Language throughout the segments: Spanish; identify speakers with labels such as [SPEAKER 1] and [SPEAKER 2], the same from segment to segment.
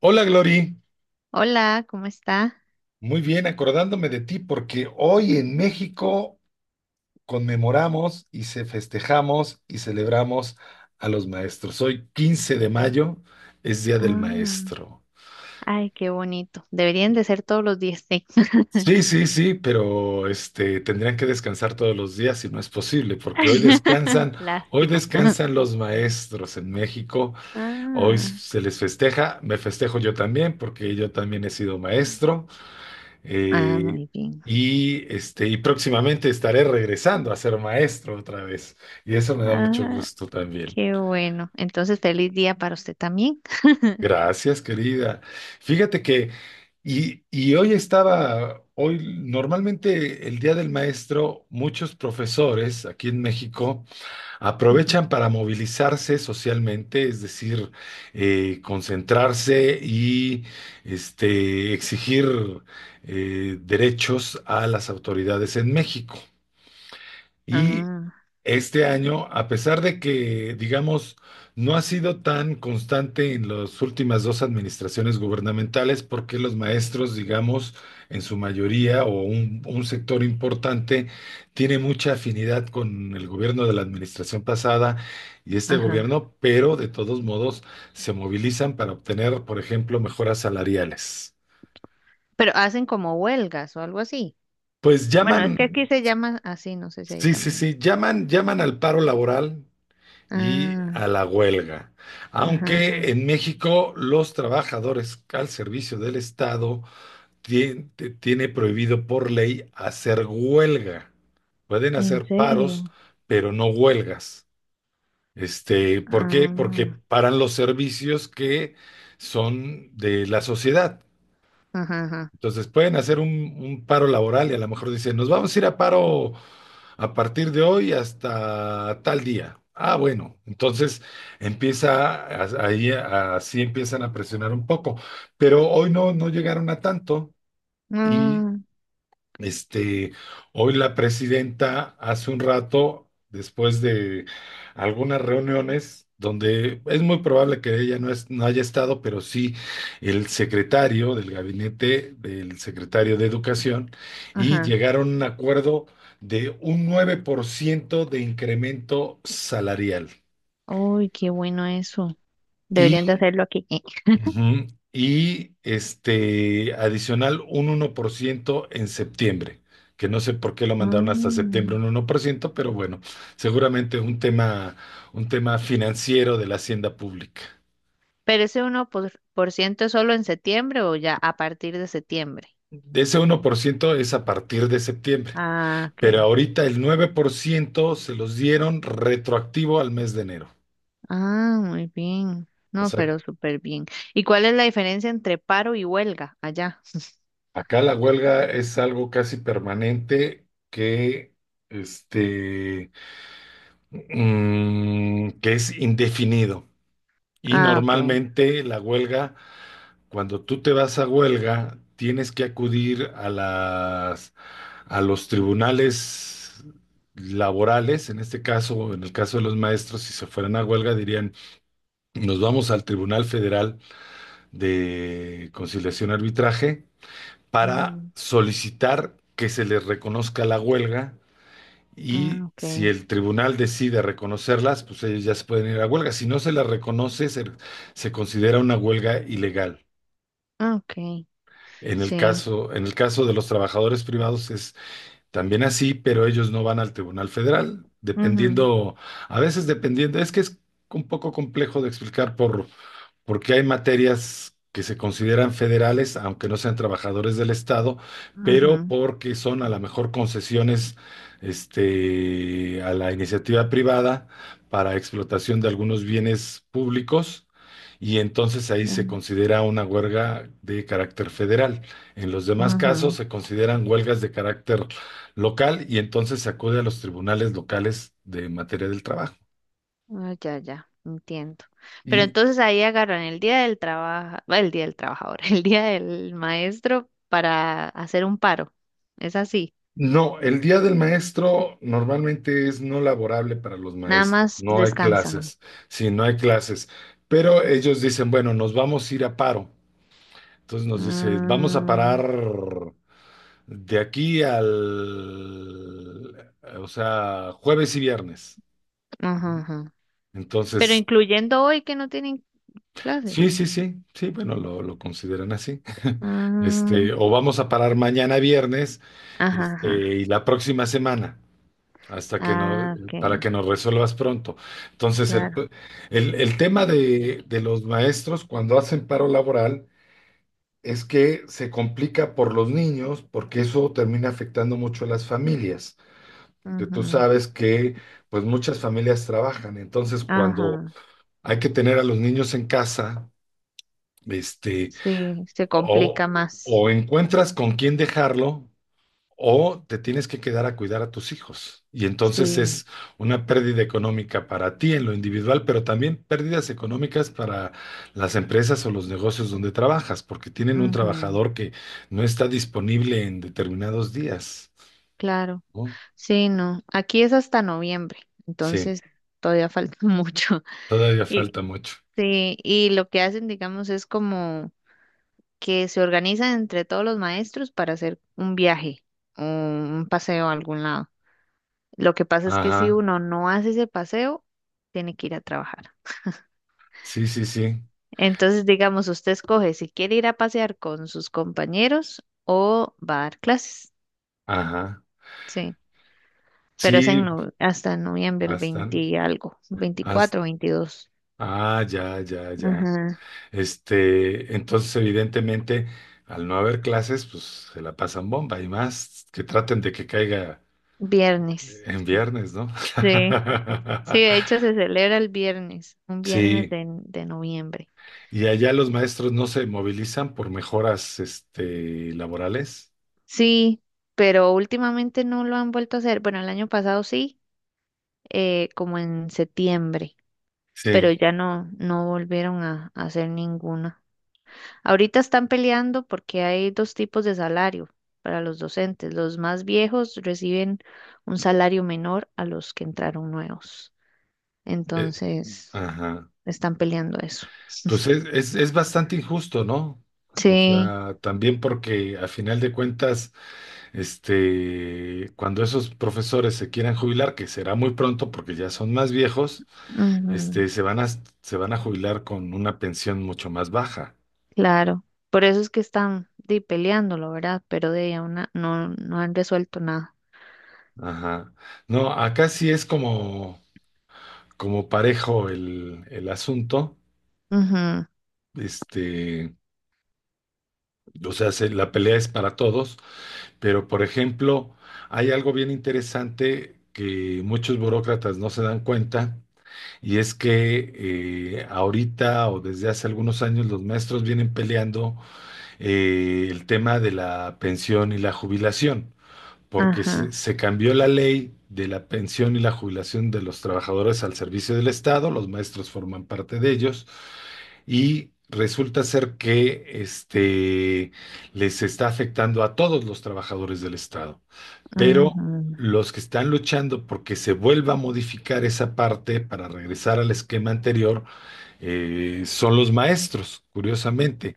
[SPEAKER 1] Hola Glory,
[SPEAKER 2] Hola, ¿cómo está?
[SPEAKER 1] muy bien, acordándome de ti porque hoy en México conmemoramos y se festejamos y celebramos a los maestros. Hoy 15 de mayo es Día del
[SPEAKER 2] Ah,
[SPEAKER 1] Maestro.
[SPEAKER 2] ay, qué bonito. Deberían de ser todos los días, sí.
[SPEAKER 1] Sí, sí, sí, pero tendrían que descansar todos los días y no es posible porque hoy
[SPEAKER 2] Lástima.
[SPEAKER 1] descansan los maestros en México. Hoy
[SPEAKER 2] Ah,
[SPEAKER 1] se les festeja, me festejo yo también porque yo también he sido maestro. Eh,
[SPEAKER 2] muy bien.
[SPEAKER 1] y próximamente estaré regresando a ser maestro otra vez. Y eso me da mucho
[SPEAKER 2] Ah,
[SPEAKER 1] gusto también.
[SPEAKER 2] qué bueno. Entonces, feliz día para usted también.
[SPEAKER 1] Gracias, querida. Fíjate que, y hoy normalmente, el Día del Maestro, muchos profesores aquí en México
[SPEAKER 2] Ujú.
[SPEAKER 1] aprovechan para movilizarse socialmente, es decir, concentrarse y exigir derechos a las autoridades en México. Y
[SPEAKER 2] Ah,
[SPEAKER 1] este año, a pesar de que, digamos, no ha sido tan constante en las últimas dos administraciones gubernamentales, porque los maestros, digamos, en su mayoría o un sector importante, tiene mucha afinidad con el gobierno de la administración pasada y este
[SPEAKER 2] ajá.
[SPEAKER 1] gobierno, pero de todos modos se movilizan para obtener, por ejemplo, mejoras salariales.
[SPEAKER 2] Pero hacen como huelgas o algo así.
[SPEAKER 1] Pues
[SPEAKER 2] Bueno, es que
[SPEAKER 1] llaman,
[SPEAKER 2] aquí se llama así, no sé si ahí
[SPEAKER 1] sí, sí,
[SPEAKER 2] también.
[SPEAKER 1] sí, llaman al paro laboral y a
[SPEAKER 2] Ah,
[SPEAKER 1] la huelga.
[SPEAKER 2] ajá,
[SPEAKER 1] Aunque
[SPEAKER 2] ajá.
[SPEAKER 1] en México los trabajadores al servicio del Estado tiene prohibido por ley hacer huelga. Pueden
[SPEAKER 2] ¿En
[SPEAKER 1] hacer paros,
[SPEAKER 2] serio?
[SPEAKER 1] pero no huelgas. ¿Por qué? Porque
[SPEAKER 2] Ah,
[SPEAKER 1] paran los servicios que son de la sociedad.
[SPEAKER 2] ajá, ajá.
[SPEAKER 1] Entonces pueden hacer un paro laboral y a lo mejor dicen, nos vamos a ir a paro a partir de hoy hasta tal día. Ah, bueno, entonces ahí, así empiezan a presionar un poco, pero hoy no, no llegaron a tanto y
[SPEAKER 2] Ah,
[SPEAKER 1] este, hoy la presidenta hace un rato, después de algunas reuniones, donde es muy probable que ella no, no haya estado, pero sí el secretario del gabinete del secretario de Educación, y
[SPEAKER 2] ajá.
[SPEAKER 1] llegaron a un acuerdo de un 9% de incremento salarial.
[SPEAKER 2] Uy, qué bueno eso. Deberían de
[SPEAKER 1] Y
[SPEAKER 2] hacerlo aquí.
[SPEAKER 1] Ujú. Y adicional un uno por ciento en septiembre, que no sé por qué lo mandaron hasta septiembre
[SPEAKER 2] Mm.
[SPEAKER 1] un uno por ciento, pero bueno, seguramente un tema financiero de la hacienda pública.
[SPEAKER 2] Pero ese uno por ciento es solo en septiembre o ya a partir de septiembre.
[SPEAKER 1] De Ese uno por ciento es a partir de septiembre,
[SPEAKER 2] Ah,
[SPEAKER 1] pero
[SPEAKER 2] ok.
[SPEAKER 1] ahorita el 9% se los dieron retroactivo al mes de enero.
[SPEAKER 2] Ah, muy bien.
[SPEAKER 1] O
[SPEAKER 2] No,
[SPEAKER 1] sea,
[SPEAKER 2] pero súper bien. ¿Y cuál es la diferencia entre paro y huelga allá?
[SPEAKER 1] acá la huelga es algo casi permanente que este que es indefinido. Y
[SPEAKER 2] Ah, ok.
[SPEAKER 1] normalmente la huelga, cuando tú te vas a huelga, tienes que acudir a a los tribunales laborales, en este caso, en el caso de los maestros, si se fueran a huelga, dirían, nos vamos al Tribunal Federal de Conciliación y Arbitraje para
[SPEAKER 2] Ujú.
[SPEAKER 1] solicitar que se les reconozca la huelga,
[SPEAKER 2] Ah,
[SPEAKER 1] y
[SPEAKER 2] ok.
[SPEAKER 1] si el tribunal decide reconocerlas, pues ellos ya se pueden ir a huelga. Si no se las reconoce, se considera una huelga ilegal.
[SPEAKER 2] Ok. Sí.
[SPEAKER 1] En el caso de los trabajadores privados es también así, pero ellos no van al Tribunal Federal,
[SPEAKER 2] Ujú,
[SPEAKER 1] dependiendo, a veces dependiendo, es que es un poco complejo de explicar porque hay materias que se consideran federales, aunque no sean trabajadores del Estado, pero
[SPEAKER 2] ujú,
[SPEAKER 1] porque son a lo mejor concesiones a la iniciativa privada para explotación de algunos bienes públicos, y entonces ahí
[SPEAKER 2] ujú,
[SPEAKER 1] se considera una huelga de carácter federal. En los demás casos
[SPEAKER 2] ujú.
[SPEAKER 1] se consideran huelgas de carácter local y entonces se acude a los tribunales locales de materia del trabajo.
[SPEAKER 2] Ah, ya, ya, entiendo. Pero
[SPEAKER 1] Y
[SPEAKER 2] entonces ahí agarran el día del trabajo, el día del trabajador, el día del maestro para hacer un paro. Es así.
[SPEAKER 1] no, el día del maestro normalmente es no laborable para los
[SPEAKER 2] Nada
[SPEAKER 1] maestros,
[SPEAKER 2] más
[SPEAKER 1] no hay
[SPEAKER 2] descansan.
[SPEAKER 1] clases, sí, no hay clases, pero ellos dicen, bueno, nos vamos a ir a paro. Entonces nos dicen, vamos a
[SPEAKER 2] Mm,
[SPEAKER 1] parar de aquí al, o sea, jueves y viernes.
[SPEAKER 2] ajá, ajá. Pero
[SPEAKER 1] Entonces,
[SPEAKER 2] incluyendo hoy que no tienen clases.
[SPEAKER 1] sí, sí, sí, sí, bueno, lo consideran así.
[SPEAKER 2] Mm,
[SPEAKER 1] O vamos a parar mañana viernes,
[SPEAKER 2] ajá, ajá.
[SPEAKER 1] y la próxima semana. Hasta que no,
[SPEAKER 2] Ah, ok,
[SPEAKER 1] para que nos resuelvas pronto. Entonces,
[SPEAKER 2] claro.
[SPEAKER 1] el tema de los maestros cuando hacen paro laboral es que se complica por los niños, porque eso termina afectando mucho a las familias. Que tú
[SPEAKER 2] Ujú.
[SPEAKER 1] sabes que, pues, muchas familias trabajan. Entonces, cuando
[SPEAKER 2] Ajá.
[SPEAKER 1] hay que tener a los niños en casa, este,
[SPEAKER 2] Sí, se
[SPEAKER 1] o,
[SPEAKER 2] complica más.
[SPEAKER 1] o encuentras con quién dejarlo o te tienes que quedar a cuidar a tus hijos. Y entonces
[SPEAKER 2] Sí,
[SPEAKER 1] es una pérdida económica para ti en lo individual, pero también pérdidas económicas para las empresas o los negocios donde trabajas, porque tienen un
[SPEAKER 2] ujú,
[SPEAKER 1] trabajador que no está disponible en determinados días,
[SPEAKER 2] claro.
[SPEAKER 1] ¿no?
[SPEAKER 2] Sí, no. Aquí es hasta noviembre,
[SPEAKER 1] Sí,
[SPEAKER 2] entonces todavía falta mucho.
[SPEAKER 1] todavía
[SPEAKER 2] Y
[SPEAKER 1] falta mucho.
[SPEAKER 2] sí, y lo que hacen, digamos, es como que se organizan entre todos los maestros para hacer un viaje o un paseo a algún lado. Lo que pasa es que si
[SPEAKER 1] Ajá,
[SPEAKER 2] uno no hace ese paseo, tiene que ir a trabajar.
[SPEAKER 1] sí, sí, sí,
[SPEAKER 2] Entonces, digamos, usted escoge si quiere ir a pasear con sus compañeros o va a dar clases.
[SPEAKER 1] ajá,
[SPEAKER 2] Sí, pero es en
[SPEAKER 1] sí,
[SPEAKER 2] hasta noviembre, el
[SPEAKER 1] hasta,
[SPEAKER 2] 20 y algo, 24,
[SPEAKER 1] hasta,
[SPEAKER 2] 22.
[SPEAKER 1] ah, ya, ya, ya.
[SPEAKER 2] Ajá.
[SPEAKER 1] Entonces, evidentemente, al no haber clases, pues se la pasan bomba y más que traten de que caiga
[SPEAKER 2] Viernes.
[SPEAKER 1] en viernes, ¿no?
[SPEAKER 2] Sí. Sí, de hecho se celebra el viernes, un viernes
[SPEAKER 1] Sí,
[SPEAKER 2] de noviembre.
[SPEAKER 1] y allá los maestros no se movilizan por mejoras, laborales.
[SPEAKER 2] Sí, pero últimamente no lo han vuelto a hacer. Bueno, el año pasado sí, como en septiembre, pero
[SPEAKER 1] Sí,
[SPEAKER 2] ya no volvieron a hacer ninguna. Ahorita están peleando porque hay dos tipos de salario para los docentes. Los más viejos reciben un salario menor a los que entraron nuevos.
[SPEAKER 1] eh,
[SPEAKER 2] Entonces,
[SPEAKER 1] ajá.
[SPEAKER 2] están peleando eso.
[SPEAKER 1] Pues es bastante injusto, ¿no? O
[SPEAKER 2] Sí.
[SPEAKER 1] sea, también porque a final de cuentas, cuando esos profesores se quieran jubilar, que será muy pronto porque ya son más viejos.
[SPEAKER 2] Ujú.
[SPEAKER 1] Este, se van a, se van a jubilar con una pensión mucho más baja.
[SPEAKER 2] Claro, por eso es que peleándolo, ¿verdad? Pero de ahí a una no han resuelto nada.
[SPEAKER 1] Ajá. No, acá sí es como, como parejo el asunto.
[SPEAKER 2] Ujú,
[SPEAKER 1] Este, o sea, la pelea es para todos, pero por ejemplo, hay algo bien interesante que muchos burócratas no se dan cuenta, y es que ahorita, o desde hace algunos años, los maestros vienen peleando el tema de la pensión y la jubilación. Porque
[SPEAKER 2] ajá,
[SPEAKER 1] se cambió la ley de la pensión y la jubilación de los trabajadores al servicio del Estado, los maestros forman parte de ellos, y resulta ser que les está afectando a todos los trabajadores del Estado. Pero
[SPEAKER 2] ujú,
[SPEAKER 1] los que están luchando porque se vuelva a modificar esa parte para regresar al esquema anterior son los maestros, curiosamente.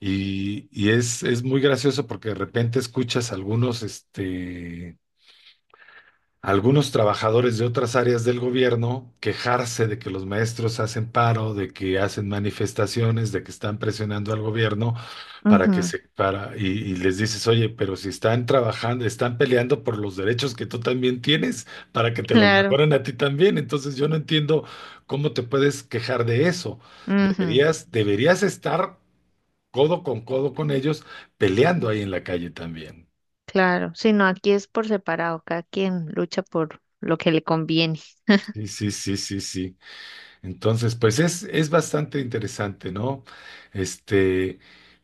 [SPEAKER 1] Y es muy gracioso porque de repente escuchas algunos trabajadores de otras áreas del gobierno quejarse de que los maestros hacen paro, de que hacen manifestaciones, de que están presionando al gobierno para que
[SPEAKER 2] ujú,
[SPEAKER 1] se para y les dices, oye, pero si están trabajando, están peleando por los derechos que tú también tienes para que te los
[SPEAKER 2] claro,
[SPEAKER 1] mejoren a ti también. Entonces yo no entiendo cómo te puedes quejar de eso.
[SPEAKER 2] ujú,
[SPEAKER 1] Deberías, deberías estar codo con ellos peleando ahí en la calle también.
[SPEAKER 2] claro. Si no, aquí es por separado, cada quien lucha por lo que le conviene.
[SPEAKER 1] Sí, sí, sí, sí, sí. Entonces, pues es bastante interesante, ¿no? Este,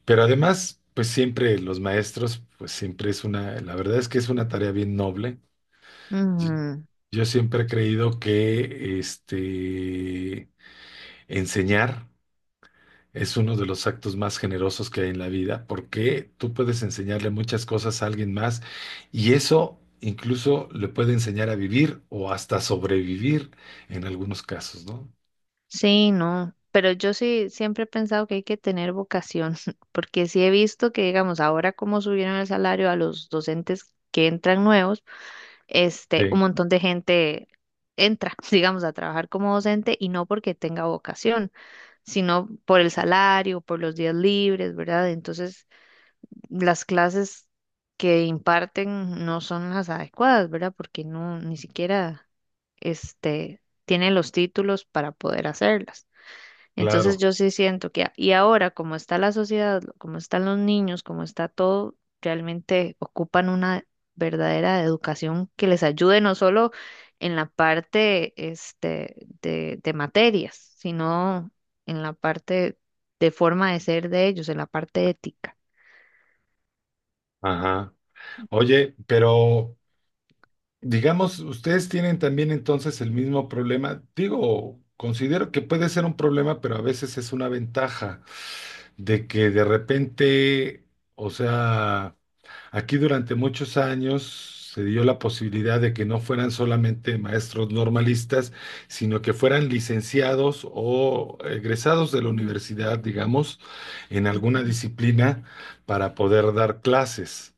[SPEAKER 1] pero además, pues siempre los maestros, pues siempre es una, la verdad es que es una tarea bien noble. Yo,
[SPEAKER 2] Ujú,
[SPEAKER 1] yo siempre he creído que enseñar es uno de los actos más generosos que hay en la vida, porque tú puedes enseñarle muchas cosas a alguien más y eso incluso le puede enseñar a vivir o hasta sobrevivir en algunos casos, ¿no?
[SPEAKER 2] sí, no, pero yo sí siempre he pensado que hay que tener vocación, porque sí he visto que, digamos, ahora como subieron el salario a los docentes que entran nuevos, un
[SPEAKER 1] Sí,
[SPEAKER 2] montón de gente entra, digamos, a trabajar como docente y no porque tenga vocación, sino por el salario, por los días libres, ¿verdad? Entonces, las clases que imparten no son las adecuadas, ¿verdad? Porque no, ni siquiera, tienen los títulos para poder hacerlas. Entonces
[SPEAKER 1] claro.
[SPEAKER 2] yo sí siento que, y ahora como está la sociedad, como están los niños, como está todo, realmente ocupan una verdadera educación que les ayude no solo en la parte de materias, sino en la parte de forma de ser de ellos, en la parte ética.
[SPEAKER 1] Ajá. Oye, pero digamos, ustedes tienen también entonces el mismo problema. Digo, considero que puede ser un problema, pero a veces es una ventaja de que de repente, o sea, aquí durante muchos años se dio la posibilidad de que no fueran solamente maestros normalistas, sino que fueran licenciados o egresados de la universidad, digamos, en alguna disciplina para poder dar clases.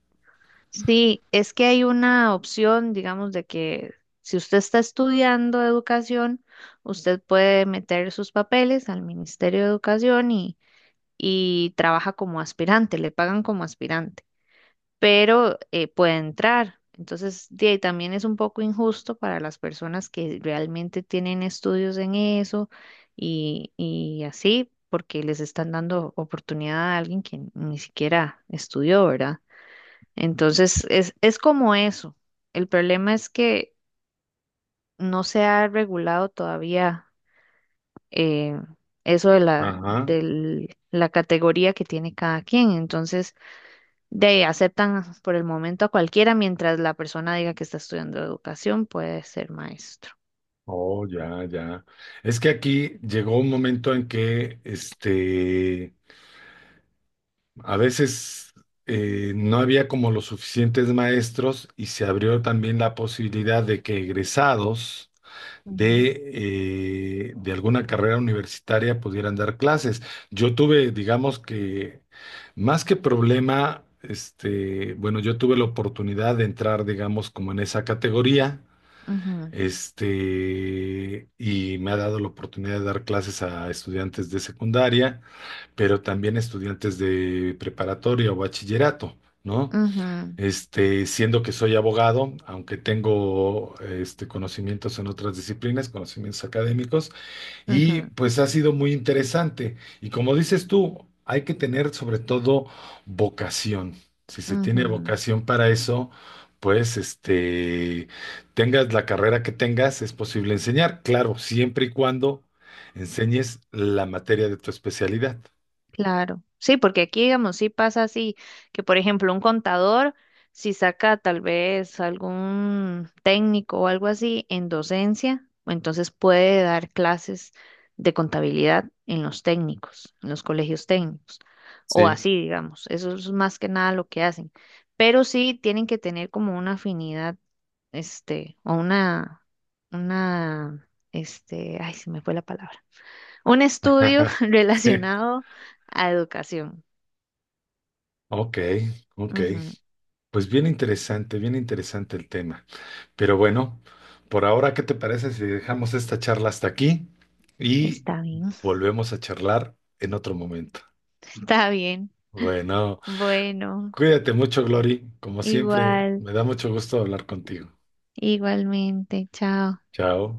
[SPEAKER 2] Sí, es que hay una opción, digamos, de que si usted está estudiando educación, usted puede meter sus papeles al Ministerio de Educación y trabaja como aspirante, le pagan como aspirante, pero puede entrar. Entonces, de ahí también es un poco injusto para las personas que realmente tienen estudios en eso y así, porque les están dando oportunidad a alguien que ni siquiera estudió, ¿verdad? Entonces, es como eso. El problema es que no se ha regulado todavía eh, eso de
[SPEAKER 1] Ajá.
[SPEAKER 2] de la categoría que tiene cada quien. Entonces, de ahí, aceptan por el momento a cualquiera mientras la persona diga que está estudiando educación, puede ser maestro.
[SPEAKER 1] Oh, ya, ya. Es que aquí llegó un momento en que, a veces no había como los suficientes maestros, y se abrió también la posibilidad de que egresados
[SPEAKER 2] Ujú,
[SPEAKER 1] de alguna carrera universitaria pudieran dar clases. Yo tuve, digamos que, más que problema, bueno, yo tuve la oportunidad de entrar, digamos, como en esa categoría,
[SPEAKER 2] ujú,
[SPEAKER 1] y me ha dado la oportunidad de dar clases a estudiantes de secundaria, pero también estudiantes de preparatoria o bachillerato, ¿no?
[SPEAKER 2] ujú,
[SPEAKER 1] Siendo que soy abogado, aunque tengo conocimientos en otras disciplinas, conocimientos académicos, y
[SPEAKER 2] ujú,
[SPEAKER 1] pues ha sido muy interesante. Y como dices tú, hay que tener sobre todo vocación. Si se tiene
[SPEAKER 2] ujú,
[SPEAKER 1] vocación para eso, pues tengas la carrera que tengas, es posible enseñar. Claro, siempre y cuando enseñes la materia de tu especialidad.
[SPEAKER 2] claro, sí, porque aquí, digamos, sí pasa así, que por ejemplo un contador, si saca tal vez algún técnico o algo así en docencia, entonces puede dar clases de contabilidad en los técnicos, en los colegios técnicos, o
[SPEAKER 1] Sí.
[SPEAKER 2] así, digamos, eso es más que nada lo que hacen, pero sí tienen que tener como una afinidad, este, o una, una, ay, se me fue la palabra un estudio
[SPEAKER 1] Sí.
[SPEAKER 2] relacionado a educación.
[SPEAKER 1] Ok, ok.
[SPEAKER 2] Ujú,
[SPEAKER 1] Pues bien interesante el tema. Pero bueno, por ahora, ¿qué te parece si dejamos esta charla hasta aquí y
[SPEAKER 2] está bien,
[SPEAKER 1] volvemos a charlar en otro momento?
[SPEAKER 2] está bien.
[SPEAKER 1] Bueno,
[SPEAKER 2] Bueno,
[SPEAKER 1] cuídate mucho, Glory. Como siempre,
[SPEAKER 2] igual,
[SPEAKER 1] me da mucho gusto hablar contigo.
[SPEAKER 2] igualmente, chao.
[SPEAKER 1] Chao.